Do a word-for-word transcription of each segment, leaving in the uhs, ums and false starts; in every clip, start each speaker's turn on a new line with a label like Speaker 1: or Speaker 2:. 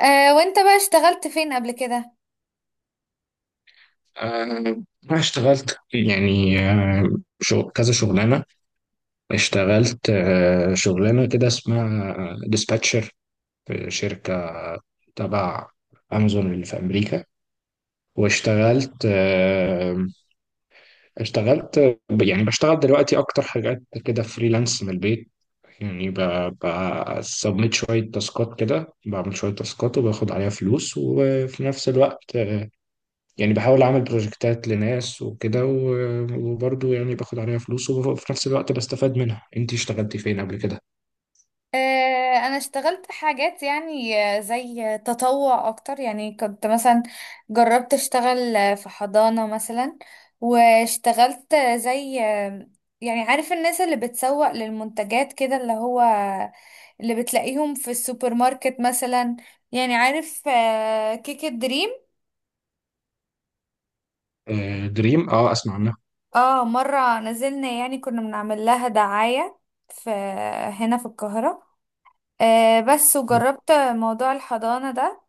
Speaker 1: آه وانت بقى اشتغلت فين قبل كده؟
Speaker 2: آه، أنا اشتغلت يعني آه، شغ- كذا شغلانة، اشتغلت آه، شغلانة كده اسمها ديسباتشر في شركة تبع أمازون اللي في أمريكا. واشتغلت آه، اشتغلت ب- يعني بشتغل دلوقتي أكتر حاجات كده فريلانس من البيت. يعني بسبميت شوية تاسكات كده، بعمل شوية تاسكات وباخد عليها فلوس، وفي نفس الوقت يعني بحاول أعمل بروجكتات لناس وكده، و- وبرضه يعني باخد عليها فلوس وفي نفس الوقت بستفاد منها. أنت اشتغلتي فين قبل كده؟
Speaker 1: آه، انا اشتغلت حاجات، يعني آه، زي تطوع اكتر. يعني كنت مثلا جربت اشتغل آه، في حضانة مثلا، واشتغلت آه، زي آه، يعني عارف الناس اللي بتسوق للمنتجات كده، اللي هو اللي بتلاقيهم في السوبر ماركت مثلا. يعني عارف آه، كيك الدريم؟
Speaker 2: آه، دريم، اه، اسمع عنها.
Speaker 1: اه، مرة نزلنا، يعني كنا بنعمل لها دعاية في، هنا في القاهرة. آه، بس وجربت موضوع الحضانة ده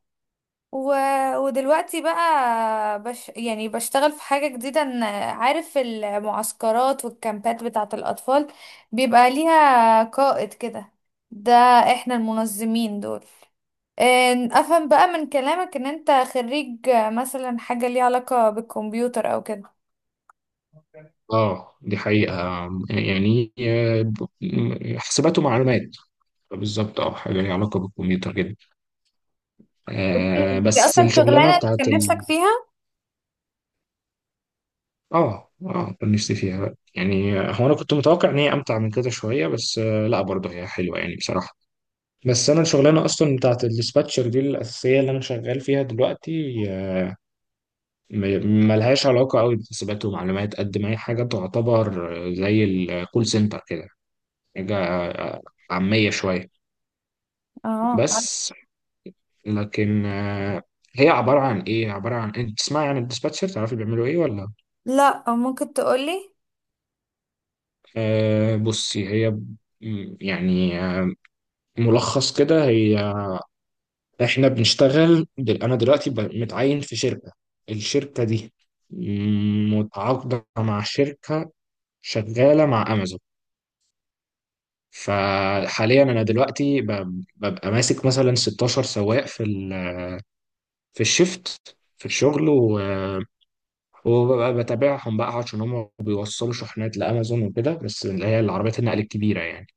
Speaker 1: و... ودلوقتي بقى بش... يعني بشتغل في حاجة جديدة، إن عارف المعسكرات والكامبات بتاعة الأطفال، بيبقى ليها قائد كده. ده احنا المنظمين دول. آه، افهم بقى من كلامك ان انت خريج آه، مثلا حاجة ليها علاقة بالكمبيوتر او كده.
Speaker 2: اه، دي حقيقة. يعني آه، ب- حسابات ومعلومات، بالظبط. اه، حاجة ليها علاقة بالكمبيوتر جدا.
Speaker 1: أوكي.
Speaker 2: آه،
Speaker 1: دي
Speaker 2: بس
Speaker 1: اصلا
Speaker 2: الشغلانة
Speaker 1: شغلانة
Speaker 2: بتاعت
Speaker 1: كان نفسك
Speaker 2: ال
Speaker 1: فيها؟
Speaker 2: اه اه، كان نفسي فيها بقى. يعني هو انا كنت متوقع ان هي امتع من كده شوية، بس آه لا، برضه هي حلوة يعني بصراحة. بس انا الشغلانه اصلا بتاعت الdispatcher دي الاساسيه اللي انا شغال فيها دلوقتي م- ملهاش علاقه قوي بحسابات ومعلومات، قد ما هي حاجه تعتبر زي الكول سنتر كده، حاجه عاميه شويه.
Speaker 1: اه،
Speaker 2: بس لكن آه، هي عباره عن ايه؟ عباره عن انت تسمعي عن الديسباتشر، تعرفي بيعملوا ايه ولا؟
Speaker 1: لا ممكن تقولي.
Speaker 2: آه، بصي هي م- يعني آه، ملخص كده، هي احنا بنشتغل دل... انا دلوقتي ب... متعين في شركة، الشركة دي متعاقدة مع شركة شغالة مع امازون. فحاليا انا دلوقتي ب... ببقى ماسك مثلا ستاشر سواق في ال... في الشفت في الشغل و... وببقى بتابعهم بقى، عشان هم بيوصلوا شحنات لامازون وكده، بس اللي هي العربيات النقل الكبيرة يعني.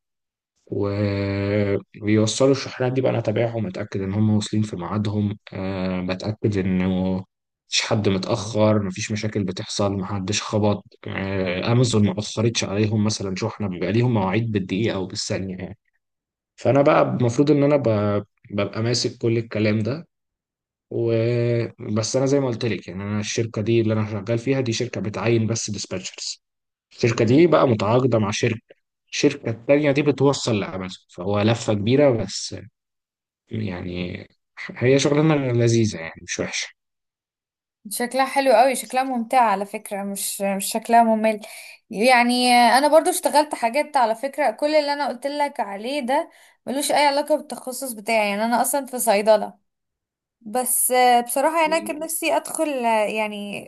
Speaker 2: وبيوصلوا الشحنات دي بقى انا اتابعهم، اتاكد ان هم واصلين في ميعادهم، أه بتاكد انه مفيش حد متاخر، مفيش مشاكل بتحصل، محدش خبط، أه امازون ما اخرتش عليهم مثلا شحنه، بيبقى ليهم مواعيد بالدقيقه او بالثانيه يعني. فانا بقى المفروض ان انا ب- ببقى ماسك كل الكلام ده. وبس انا زي ما قلت لك يعني، انا الشركه دي اللي انا شغال فيها دي شركه بتعين بس ديسباتشرز، الشركة دي بقى متعاقدة مع شركة، الشركة التانية دي بتوصل لأمازون، فهو لفة كبيرة بس يعني. هي شغلانة لذيذة يعني مش وحشة.
Speaker 1: شكلها حلو قوي، شكلها ممتع على فكرة، مش مش شكلها ممل. يعني انا برضو اشتغلت حاجات على فكرة. كل اللي انا قلت لك عليه ده ملوش اي علاقة بالتخصص بتاعي، يعني انا اصلا في صيدلة. بس آه، بصراحة يعني أنا كان نفسي أدخل آه، يعني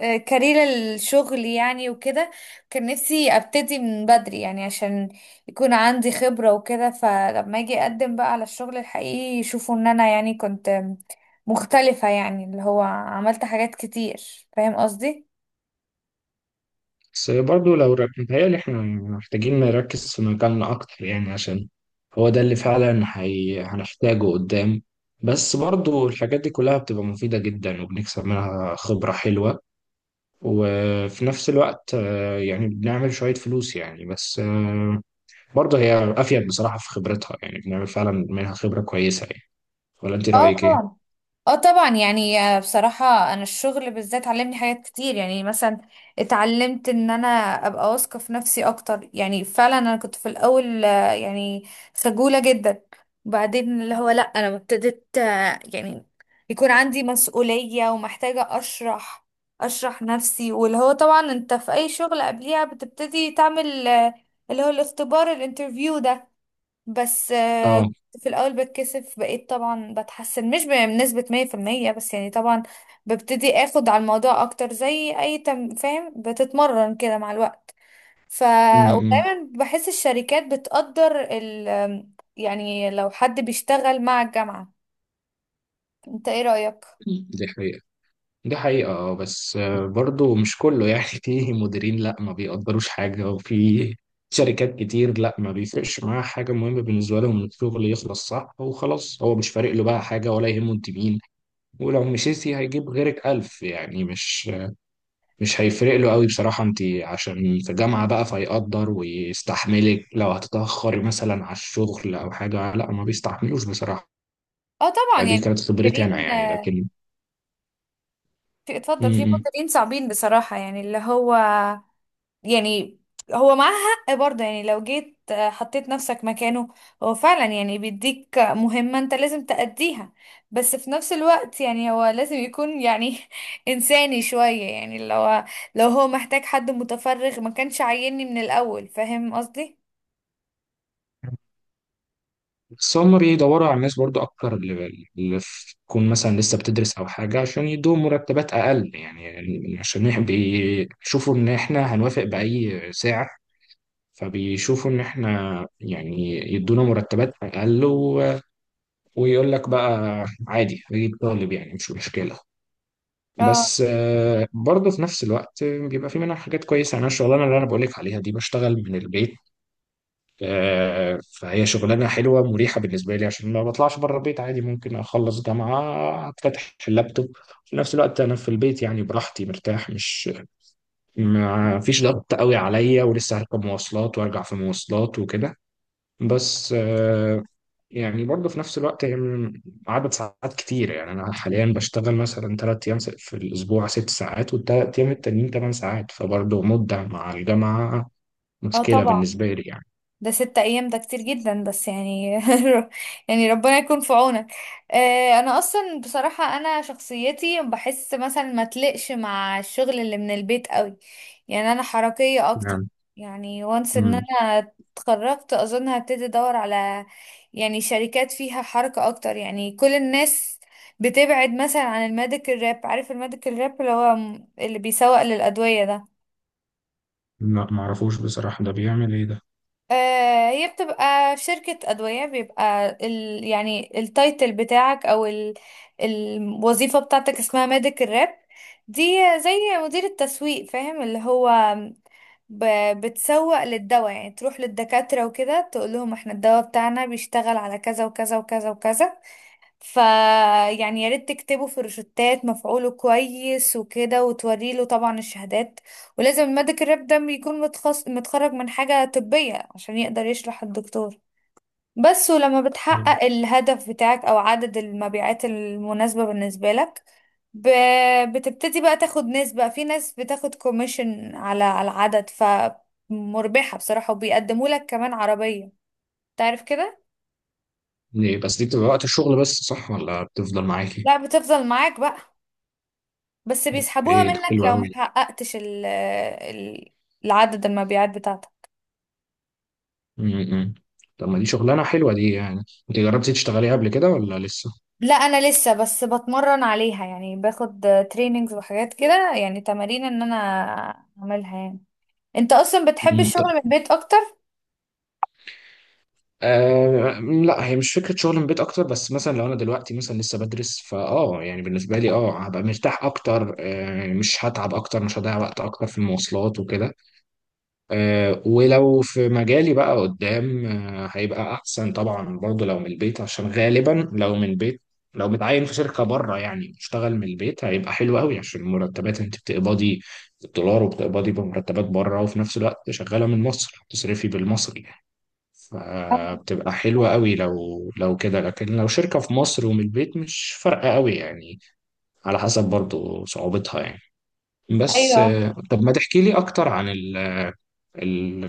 Speaker 1: آه، كارير الشغل يعني وكده. كان نفسي أبتدي من بدري يعني، عشان يكون عندي خبرة وكده، فلما أجي أقدم بقى على الشغل الحقيقي يشوفوا إن أنا يعني كنت مختلفة، يعني اللي هو عملت حاجات كتير. فاهم قصدي؟
Speaker 2: بس برضه لو رك... متهيألي احنا محتاجين نركز في مجالنا أكتر يعني، عشان هو ده اللي فعلا هي... هنحتاجه قدام. بس برضه الحاجات دي كلها بتبقى مفيدة جدا، وبنكسب منها خبرة حلوة. وفي نفس الوقت آه، يعني بنعمل شوية فلوس يعني. بس برضه هي افيد بصراحه في خبرتها، يعني بنعمل فعلا منها خبره كويسه يعني. ولا انت
Speaker 1: اه
Speaker 2: رايك ايه؟
Speaker 1: طبعا. اه طبعا، يعني آه، بصراحة انا الشغل بالذات علمني حاجات كتير. يعني مثلا اتعلمت ان انا ابقى واثقة في نفسي اكتر. يعني فعلا انا كنت في الاول آه، يعني خجولة جدا. وبعدين اللي هو لا، انا لما ابتديت آه، يعني يكون عندي مسؤولية ومحتاجة اشرح اشرح نفسي، واللي هو طبعا انت في اي شغل قبليها بتبتدي تعمل آه، اللي هو الاختبار الانترفيو ده. بس آه،
Speaker 2: اه،
Speaker 1: كنت في الأول بتكسف، بقيت طبعا بتحسن مش بنسبة مية في المية بس، يعني طبعا ببتدي اخد على الموضوع اكتر. زي اي تم فاهم، بتتمرن كده مع الوقت. ف
Speaker 2: امم
Speaker 1: ودايما بحس الشركات بتقدر ال، يعني لو حد بيشتغل مع الجامعة. انت ايه رأيك؟
Speaker 2: دي حقيقه، دي حقيقه. اه، بس آه، برضه مش كله يعني في مديرين لا ما بيقدروش حاجه، وفي شركات كتير لا ما بيفرقش معاها حاجه، مهمه بالنسبه لهم إن الشغل يخلص صح وخلاص، هو مش فارق له بقى حاجه ولا يهمه انت مين. ولو مشيتي هيجيب غيرك الف يعني، مش مش هيفرق له قوي بصراحة. انت عشان في جامعة بقى فيقدر ويستحملك، لو هتتأخري مثلا على الشغل او حاجة لا ما بيستحملوش بصراحة.
Speaker 1: اه طبعا
Speaker 2: دي
Speaker 1: يعني.
Speaker 2: كانت خبرتي انا
Speaker 1: مديرين
Speaker 2: يعني،
Speaker 1: آه،
Speaker 2: لكن
Speaker 1: في،
Speaker 2: م-
Speaker 1: اتفضل، في
Speaker 2: م.
Speaker 1: مديرين صعبين بصراحة، يعني اللي هو يعني هو معاه حق برضه. يعني لو جيت آه، حطيت نفسك مكانه، هو فعلا يعني بيديك مهمة انت لازم تأديها، بس في نفس الوقت يعني هو لازم يكون يعني إنساني شوية. يعني لو لو هو محتاج حد متفرغ ما كانش عايزني من الأول. فاهم قصدي؟
Speaker 2: بس هم بيدوروا على الناس برضو اكتر، اللي اللي في- تكون مثلا لسه بتدرس او حاجة، عشان يدوهم مرتبات اقل يعني، يعني عشان يح- بيشوفوا ان احنا هنوافق بأي سعر. فبيشوفوا ان احنا يعني يدونا مرتبات اقل، ويقول لك بقى عادي اجيب طالب يعني مش مشكله.
Speaker 1: اه
Speaker 2: بس آه، برضه في نفس الوقت بيبقى في منها حاجات كويسه يعني، انا الشغلانه اللي انا بقول لك عليها دي بشتغل من البيت. آه، فهي شغلانه حلوه مريحه بالنسبه لي، عشان ما بطلعش بره البيت عادي، ممكن اخلص جامعه افتتح اللابتوب في نفس الوقت انا في البيت يعني، براحتي مرتاح، مش ما فيش ضغط قوي عليا، ولسه هركب مواصلات وارجع في مواصلات وكده. بس آه، يعني برضه في نفس الوقت هي من- عدد ساعات كتير يعني. أنا حاليا بشتغل مثلا تلات أيام في الأسبوع ست ساعات، والتلات أيام التانيين تمن ساعات، فبرضه مدة مع الجامعة
Speaker 1: اه
Speaker 2: مشكلة
Speaker 1: طبعا.
Speaker 2: بالنسبة لي يعني
Speaker 1: ده ستة ايام ده كتير جدا، بس يعني يعني ربنا يكون في عونك. آه، انا اصلا بصراحة انا شخصيتي بحس مثلا ما تلقش مع الشغل اللي من البيت قوي. يعني انا حركية اكتر.
Speaker 2: يعني
Speaker 1: يعني وانس ان
Speaker 2: مم.
Speaker 1: انا اتخرجت اظن هبتدي ادور على، يعني شركات فيها حركة اكتر، يعني كل الناس. بتبعد مثلا عن الميديكال راب. عارف الميديكال راب اللي هو م- اللي بيسوق للأدوية ده؟
Speaker 2: لا، معرفوش بصراحة، ده بيعمل إيه ده؟
Speaker 1: آه، هي بتبقى في شركة أدوية، بيبقى ال، يعني التايتل بتاعك أو ال الوظيفة بتاعتك اسمها ميديكال راب. دي زي مدير التسويق، فاهم؟ اللي هو ب بتسوق للدواء، يعني تروح للدكاترة وكده تقول لهم احنا الدواء بتاعنا بيشتغل على كذا وكذا وكذا وكذا، فيعني يا ريت تكتبه في روشتات، مفعوله كويس وكده، وتوري له طبعا الشهادات. ولازم الميديكال ريب ده يكون متخص... متخرج من حاجة طبية عشان يقدر يشرح الدكتور. بس ولما
Speaker 2: مم.
Speaker 1: بتحقق الهدف بتاعك أو عدد المبيعات المناسبة بالنسبة لك، ب... بتبتدي بقى تاخد نسبة. في ناس بتاخد كوميشن على على العدد، فمربحة بصراحة، وبيقدموا لك كمان عربية. تعرف كده؟
Speaker 2: ليه بس دي بتبقى وقت الشغل بس صح ولا بتفضل معاكي؟
Speaker 1: لا، بتفضل معاك بقى، بس بيسحبوها
Speaker 2: إيه ده
Speaker 1: منك
Speaker 2: حلو
Speaker 1: لو ما
Speaker 2: أوي ده.
Speaker 1: حققتش ال- ال- العدد المبيعات بتاعتك.
Speaker 2: مم، مم. طب ما دي شغلانة حلوة دي يعني، أنت جربتي تشتغلي قبل كده ولا لسه؟
Speaker 1: لا انا لسه بس بتمرن عليها، يعني باخد تريننجز وحاجات كده، يعني تمارين ان انا اعملها يعني. انت اصلا بتحب الشغل من البيت اكتر؟
Speaker 2: آه لا، هي مش فكره شغل من البيت اكتر، بس مثلا لو انا دلوقتي مثلا لسه بدرس، فاه يعني بالنسبه لي اه هبقى مرتاح اكتر، آه يعني مش هتعب اكتر، مش هضيع وقت اكتر في المواصلات وكده. آه، ولو في مجالي بقى قدام آه هيبقى احسن طبعا، برضه لو من البيت، عشان غالبا لو من البيت، لو متعين في شركه بره يعني اشتغل من البيت، هيبقى حلو قوي، عشان المرتبات انت بتقبضي بالدولار، وبتقبضي بمرتبات بره وفي نفس الوقت شغاله من مصر هتصرفي بالمصري، فبتبقى حلوة قوي لو لو كده. لكن لو شركة في مصر ومن البيت مش فارقة قوي يعني، على حسب برضو صعوبتها يعني. بس
Speaker 1: ايوه،
Speaker 2: آه، طب ما تحكي لي اكتر عن ال ال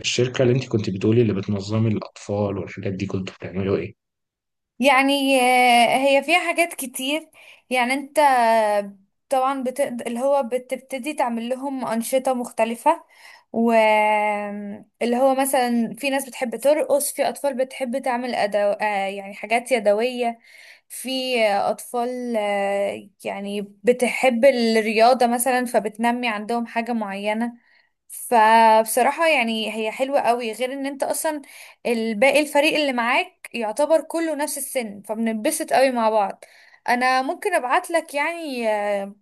Speaker 2: الشركة اللي انت كنت بتقولي، اللي بتنظمي الاطفال والحاجات دي، كنتوا بتعملوا ايه؟
Speaker 1: يعني آه، هي فيها حاجات كتير. يعني انت طبعا بتقد... اللي هو بتبتدي تعمل لهم أنشطة مختلفة. واللي هو مثلا في ناس بتحب ترقص، في أطفال بتحب تعمل أدو... آه، يعني حاجات يدوية، في أطفال آه، يعني بتحب الرياضة مثلا، فبتنمي عندهم حاجة معينة. فبصراحة يعني هي حلوة قوي، غير ان انت اصلا الباقي الفريق اللي معاك يعتبر كله نفس السن، فبنتبسط قوي مع بعض. انا ممكن ابعت لك يعني آه،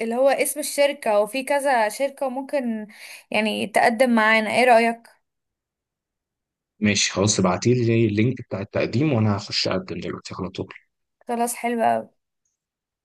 Speaker 1: اللي هو اسم الشركة، وفي كذا شركة وممكن يعني تقدم معانا. ايه رأيك؟
Speaker 2: ماشي خلاص، ابعتي لي اللينك بتاع التقديم، وانا هخش اقدم دلوقتي على طول.
Speaker 1: خلاص، حلوة قوي.